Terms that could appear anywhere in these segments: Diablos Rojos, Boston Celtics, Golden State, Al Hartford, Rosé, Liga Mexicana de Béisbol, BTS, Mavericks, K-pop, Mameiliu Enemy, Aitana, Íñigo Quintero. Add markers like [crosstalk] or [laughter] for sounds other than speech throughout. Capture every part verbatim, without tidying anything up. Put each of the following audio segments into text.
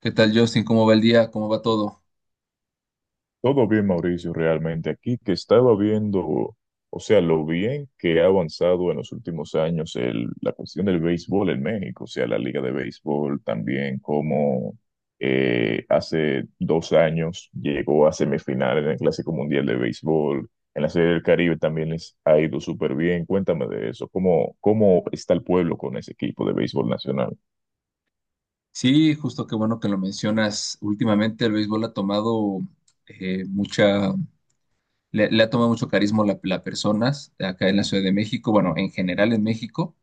¿Qué tal, Justin? ¿Cómo va el día? ¿Cómo va todo? Todo bien, Mauricio, realmente. Aquí que estaba viendo, o sea, lo bien que ha avanzado en los últimos años el- la cuestión del béisbol en México, o sea, la liga de béisbol también, como eh, hace dos años llegó a semifinales en el Clásico Mundial de Béisbol, en la Serie del Caribe también les ha ido súper bien. Cuéntame de eso, ¿cómo, cómo está el pueblo con ese equipo de béisbol nacional? Sí, justo qué bueno que lo mencionas. Últimamente el béisbol ha tomado eh, mucha, le, le ha tomado mucho carisma la- las personas acá en la Ciudad de México, bueno, en general en México,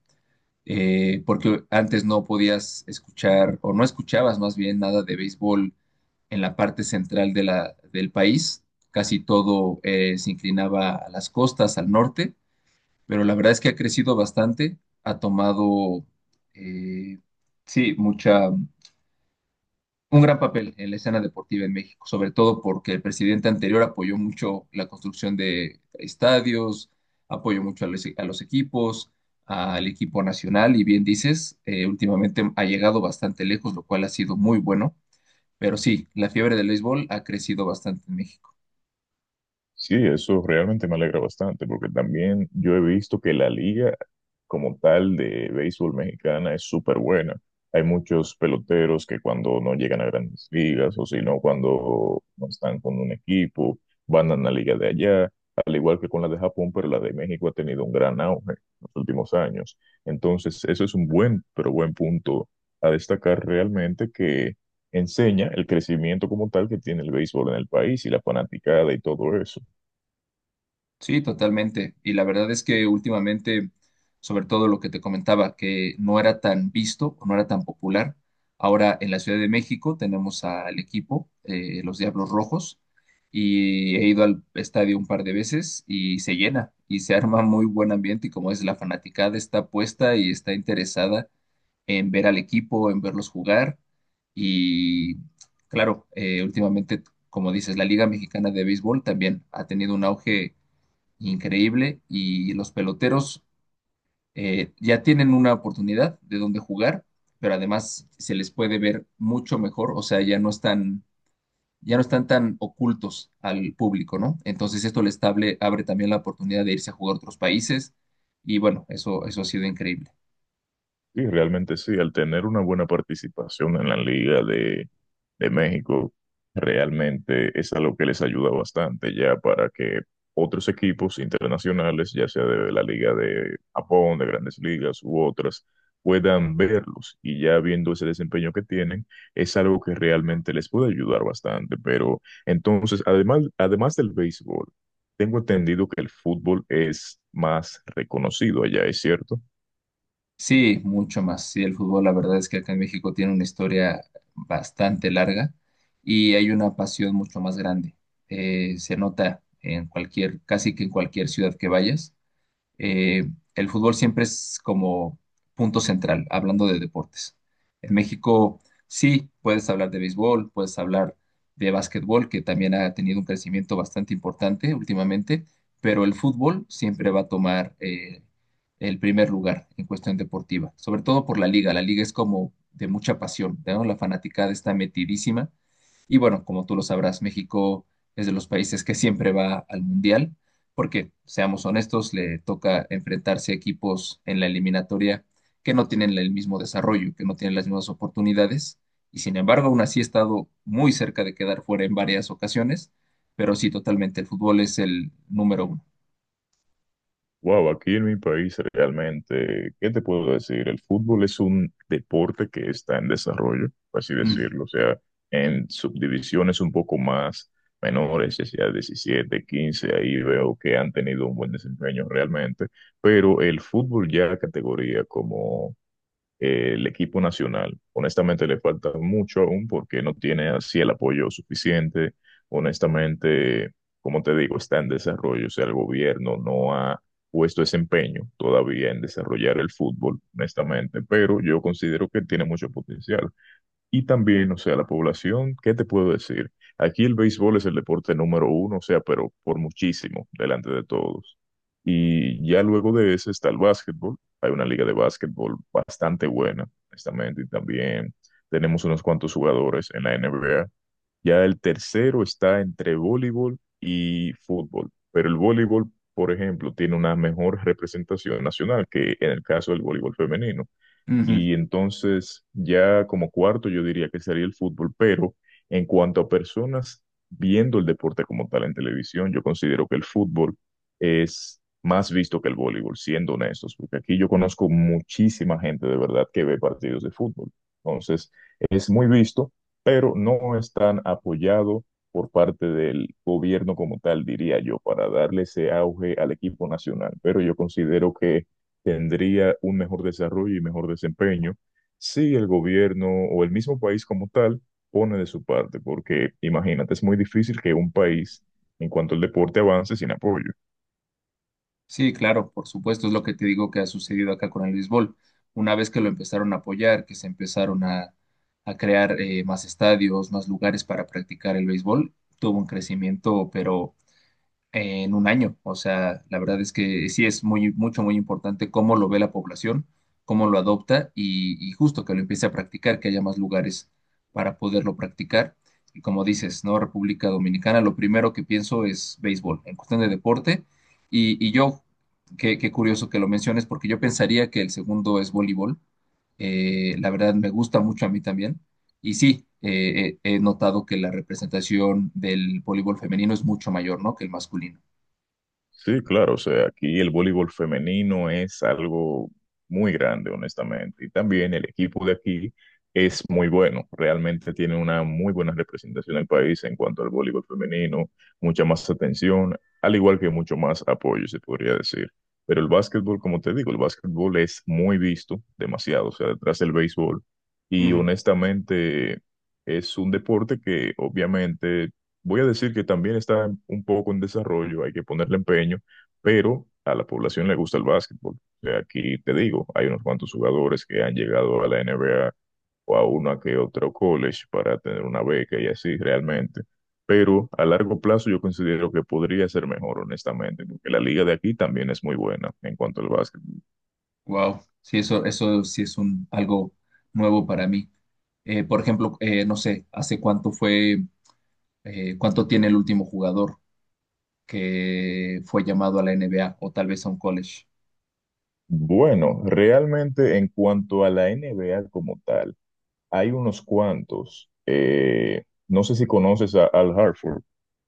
eh, porque antes no podías escuchar o no escuchabas más bien nada de béisbol en la parte central de la, del país. Casi todo eh, se inclinaba a las costas, al norte. Pero la verdad es que ha crecido bastante, ha tomado, eh, sí, mucha, un gran papel en la escena deportiva en México, sobre todo porque el presidente anterior apoyó mucho la construcción de estadios, apoyó mucho a los, a los equipos, al equipo nacional. Y bien dices, eh, últimamente ha llegado bastante lejos, lo cual ha sido muy bueno, pero sí, la fiebre del béisbol ha crecido bastante en México. Sí, eso realmente me alegra bastante, porque también yo he visto que la liga como tal de béisbol mexicana es súper buena. Hay muchos peloteros que cuando no llegan a grandes ligas o si no, cuando no están con un equipo, van a la liga de allá, al igual que con la de Japón, pero la de México ha tenido un gran auge en los últimos años. Entonces, eso es un buen, pero buen punto a destacar realmente que enseña el crecimiento como tal que tiene el béisbol en el país y la fanaticada y todo eso. Sí, totalmente. Y la verdad es que últimamente, sobre todo lo que te comentaba, que no era tan visto o no era tan popular. Ahora en la Ciudad de México tenemos al equipo, eh, los Diablos Rojos, y he ido al estadio un par de veces y se llena y se [laughs] arma muy buen ambiente y como es, la fanaticada está puesta y está interesada en ver al equipo, en verlos jugar. Y claro, eh, últimamente, como dices, la Liga Mexicana de Béisbol también ha tenido un auge increíble y los peloteros eh, ya tienen una oportunidad de dónde jugar, pero además se les puede ver mucho mejor, o sea, ya no están, ya no están tan ocultos al público, ¿no? Entonces esto les table- abre también la oportunidad de irse a jugar a otros países y bueno, eso, eso ha sido increíble. Sí, realmente sí, al tener una buena participación en la Liga de, de México, realmente es algo que les ayuda bastante ya para que otros equipos internacionales, ya sea de la Liga de Japón, de Grandes Ligas u otras, puedan verlos y ya viendo ese desempeño que tienen, es algo que realmente les puede ayudar bastante. Pero entonces, además, además del béisbol, tengo entendido que el fútbol es más reconocido allá, ¿es cierto? Sí, mucho más. Sí, el fútbol, la verdad es que acá en México tiene una historia bastante larga y hay una pasión mucho más grande. Eh, se nota en cualquier, casi que en cualquier ciudad que vayas. Eh, el fútbol siempre es como punto central, hablando de deportes. En México sí puedes hablar de béisbol, puedes hablar de básquetbol, que también ha tenido un crecimiento bastante importante últimamente, pero el fútbol siempre va a tomar eh, el primer lugar en cuestión deportiva, sobre todo por la liga. La liga es como de mucha pasión, ¿no? La fanaticada está metidísima. Y bueno, como tú lo sabrás, México es de los países que siempre va al mundial porque, seamos honestos, le toca enfrentarse a equipos en la eliminatoria que no tienen el mismo desarrollo, que no tienen las mismas oportunidades, y sin embargo, aún así ha estado muy cerca de quedar fuera en varias ocasiones, pero sí, totalmente, el fútbol es el número uno. Wow, aquí en mi país realmente, ¿qué te puedo decir? El fútbol es un deporte que está en desarrollo, por así Mm, decirlo, o sea, en subdivisiones un poco más menores, ya sea diecisiete, quince, ahí veo que han tenido un buen desempeño realmente, pero el fútbol ya categoría como eh, el equipo nacional. Honestamente le falta mucho aún porque no tiene así el apoyo suficiente. Honestamente, como te digo, está en desarrollo. O sea, el gobierno no ha puesto ese empeño todavía en desarrollar el fútbol, honestamente, pero yo considero que tiene mucho potencial. Y también, o sea, la población, ¿qué te puedo decir? Aquí el béisbol es el deporte número uno, o sea, pero por muchísimo, delante de todos. Y ya luego de ese está el básquetbol. Hay una liga de básquetbol bastante buena, honestamente, y también tenemos unos cuantos jugadores en la N B A. Ya el tercero está entre voleibol y fútbol, pero el voleibol, por ejemplo, tiene una mejor representación nacional que en el caso del voleibol femenino. ujú. Y entonces ya como cuarto yo diría que sería el fútbol, pero en cuanto a personas viendo el deporte como tal en televisión, yo considero que el fútbol es más visto que el voleibol, siendo honestos, porque aquí yo conozco muchísima gente de verdad que ve partidos de fútbol. Entonces es muy visto, pero no es tan apoyado por parte del gobierno como tal, diría yo, para darle ese auge al equipo nacional. Pero yo considero que tendría un mejor desarrollo y mejor desempeño si el gobierno o el mismo país como tal pone de su parte, porque imagínate, es muy difícil que un país en cuanto al deporte avance sin apoyo. Sí, claro, por supuesto, es lo que te digo que ha sucedido acá con el béisbol. Una vez que lo empezaron a apoyar, que se empezaron a, a crear eh, más estadios, más lugares para practicar el béisbol, tuvo un crecimiento, pero en un año. O sea, la verdad es que sí es muy, mucho, muy importante cómo lo ve la población, cómo lo adopta y, y justo que lo empiece a practicar, que haya más lugares para poderlo practicar. Y como dices, ¿no? República Dominicana, lo primero que pienso es béisbol, en cuestión de deporte. Y, y yo, qué, qué curioso que lo menciones, porque yo pensaría que el segundo es voleibol. Eh, la verdad me gusta mucho a mí también. Y sí, eh, he he notado que la representación del voleibol femenino es mucho mayor, ¿no?, que el masculino. Sí, claro, o sea, aquí el voleibol femenino es algo muy grande, honestamente, y también el equipo de aquí es muy bueno, realmente tiene una muy buena representación en el país en cuanto al voleibol femenino, mucha más atención, al igual que mucho más apoyo, se podría decir. Pero el básquetbol, como te digo, el básquetbol es muy visto, demasiado, o sea, detrás del béisbol, y honestamente es un deporte que obviamente voy a decir que también está en- un poco en desarrollo, hay que ponerle empeño, pero a la población le gusta el básquetbol. O sea, aquí te digo, hay unos cuantos jugadores que han llegado a la N B A o a una que otro college para tener una beca y así realmente. Pero a largo plazo yo considero que podría ser mejor, honestamente, porque la liga de aquí también es muy buena en cuanto al básquetbol. Wow, sí, eso, eso sí es un, algo nuevo para mí. Eh, por ejemplo, eh, no sé, ¿hace cuánto fue, eh, cuánto tiene el último jugador que fue llamado a la N B A o tal vez a un college? Bueno, realmente en cuanto a la N B A como tal. Hay unos cuantos. Eh, no sé si conoces a Al Hartford.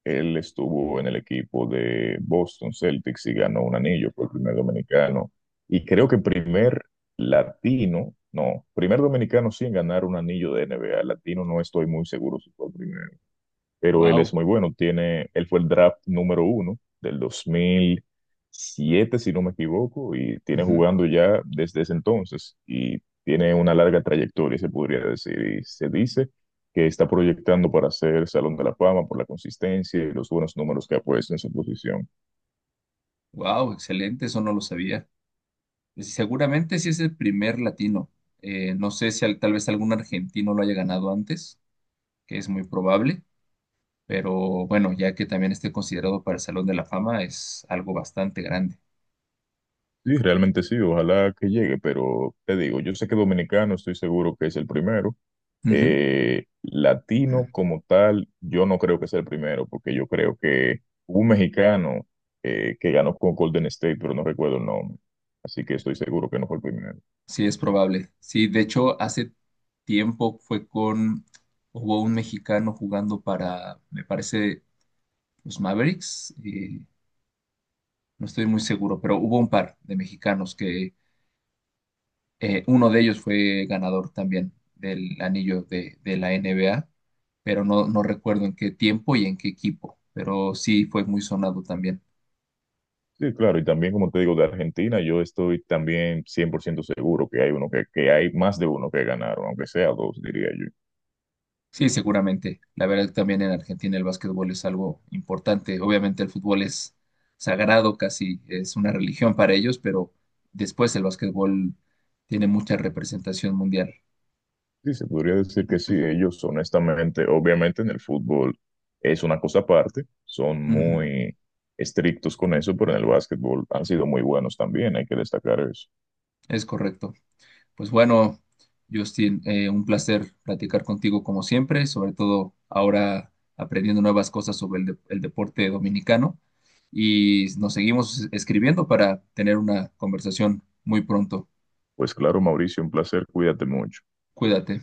Él estuvo en el equipo de Boston Celtics y ganó un anillo, fue el primer dominicano. Y creo que primer latino, no, primer dominicano sin ganar un anillo de N B A. Latino no estoy muy seguro si fue el primero, pero él es Wow, muy bueno. Tiene, él fue el draft número uno del dos mil siete, si no me equivoco, y tiene ujú. jugando ya desde ese entonces y tiene una larga trayectoria, se podría decir, y se dice que está proyectando para ser Salón de la Fama por la consistencia y los buenos números que ha puesto en su posición. Wow, excelente, eso no lo sabía. Eh, Seguramente sí es el primer latino. Eh, no sé si al- tal vez algún argentino lo haya ganado antes, que es muy probable, pero bueno, ya que también esté considerado para el Salón de la Fama, es algo bastante grande. Sí, realmente sí, ojalá que llegue, pero te digo, yo sé que dominicano, estoy seguro que es el primero, Ujú. eh, latino como tal, yo no creo que sea el primero, porque yo creo que hubo un mexicano eh, que ganó con Golden State, pero no recuerdo el nombre. Así que estoy seguro que no fue el primero. Sí, es probable. Sí, de hecho, hace tiempo fue con, hubo un mexicano jugando para, me parece, los Mavericks, eh, no estoy muy seguro, pero hubo un par de mexicanos que eh, uno de ellos fue ganador también del anillo de, de la N B A, pero no, no recuerdo en qué tiempo y en qué equipo, pero sí fue muy sonado también. Sí, claro, y también como te digo, de Argentina, yo estoy también cien por ciento seguro que hay uno que, que hay más de uno que ganaron, aunque sea dos, diría yo. Sí, seguramente. La verdad que también en Argentina el básquetbol es algo importante. Obviamente el fútbol es sagrado, casi es una religión para ellos, pero después el básquetbol tiene mucha representación mundial. Sí, se podría decir que sí, [clears throat] ellos honestamente, obviamente en el fútbol es una cosa aparte, son Ujú. muy estrictos con eso, pero en el básquetbol han sido muy buenos también, hay que destacar eso. Es correcto. Pues bueno, Justin, eh, un placer platicar contigo como siempre, sobre todo ahora aprendiendo nuevas cosas sobre el, de- el deporte dominicano y nos seguimos escribiendo para tener una conversación muy pronto. Pues claro, Mauricio, un placer, cuídate mucho. Cuídate.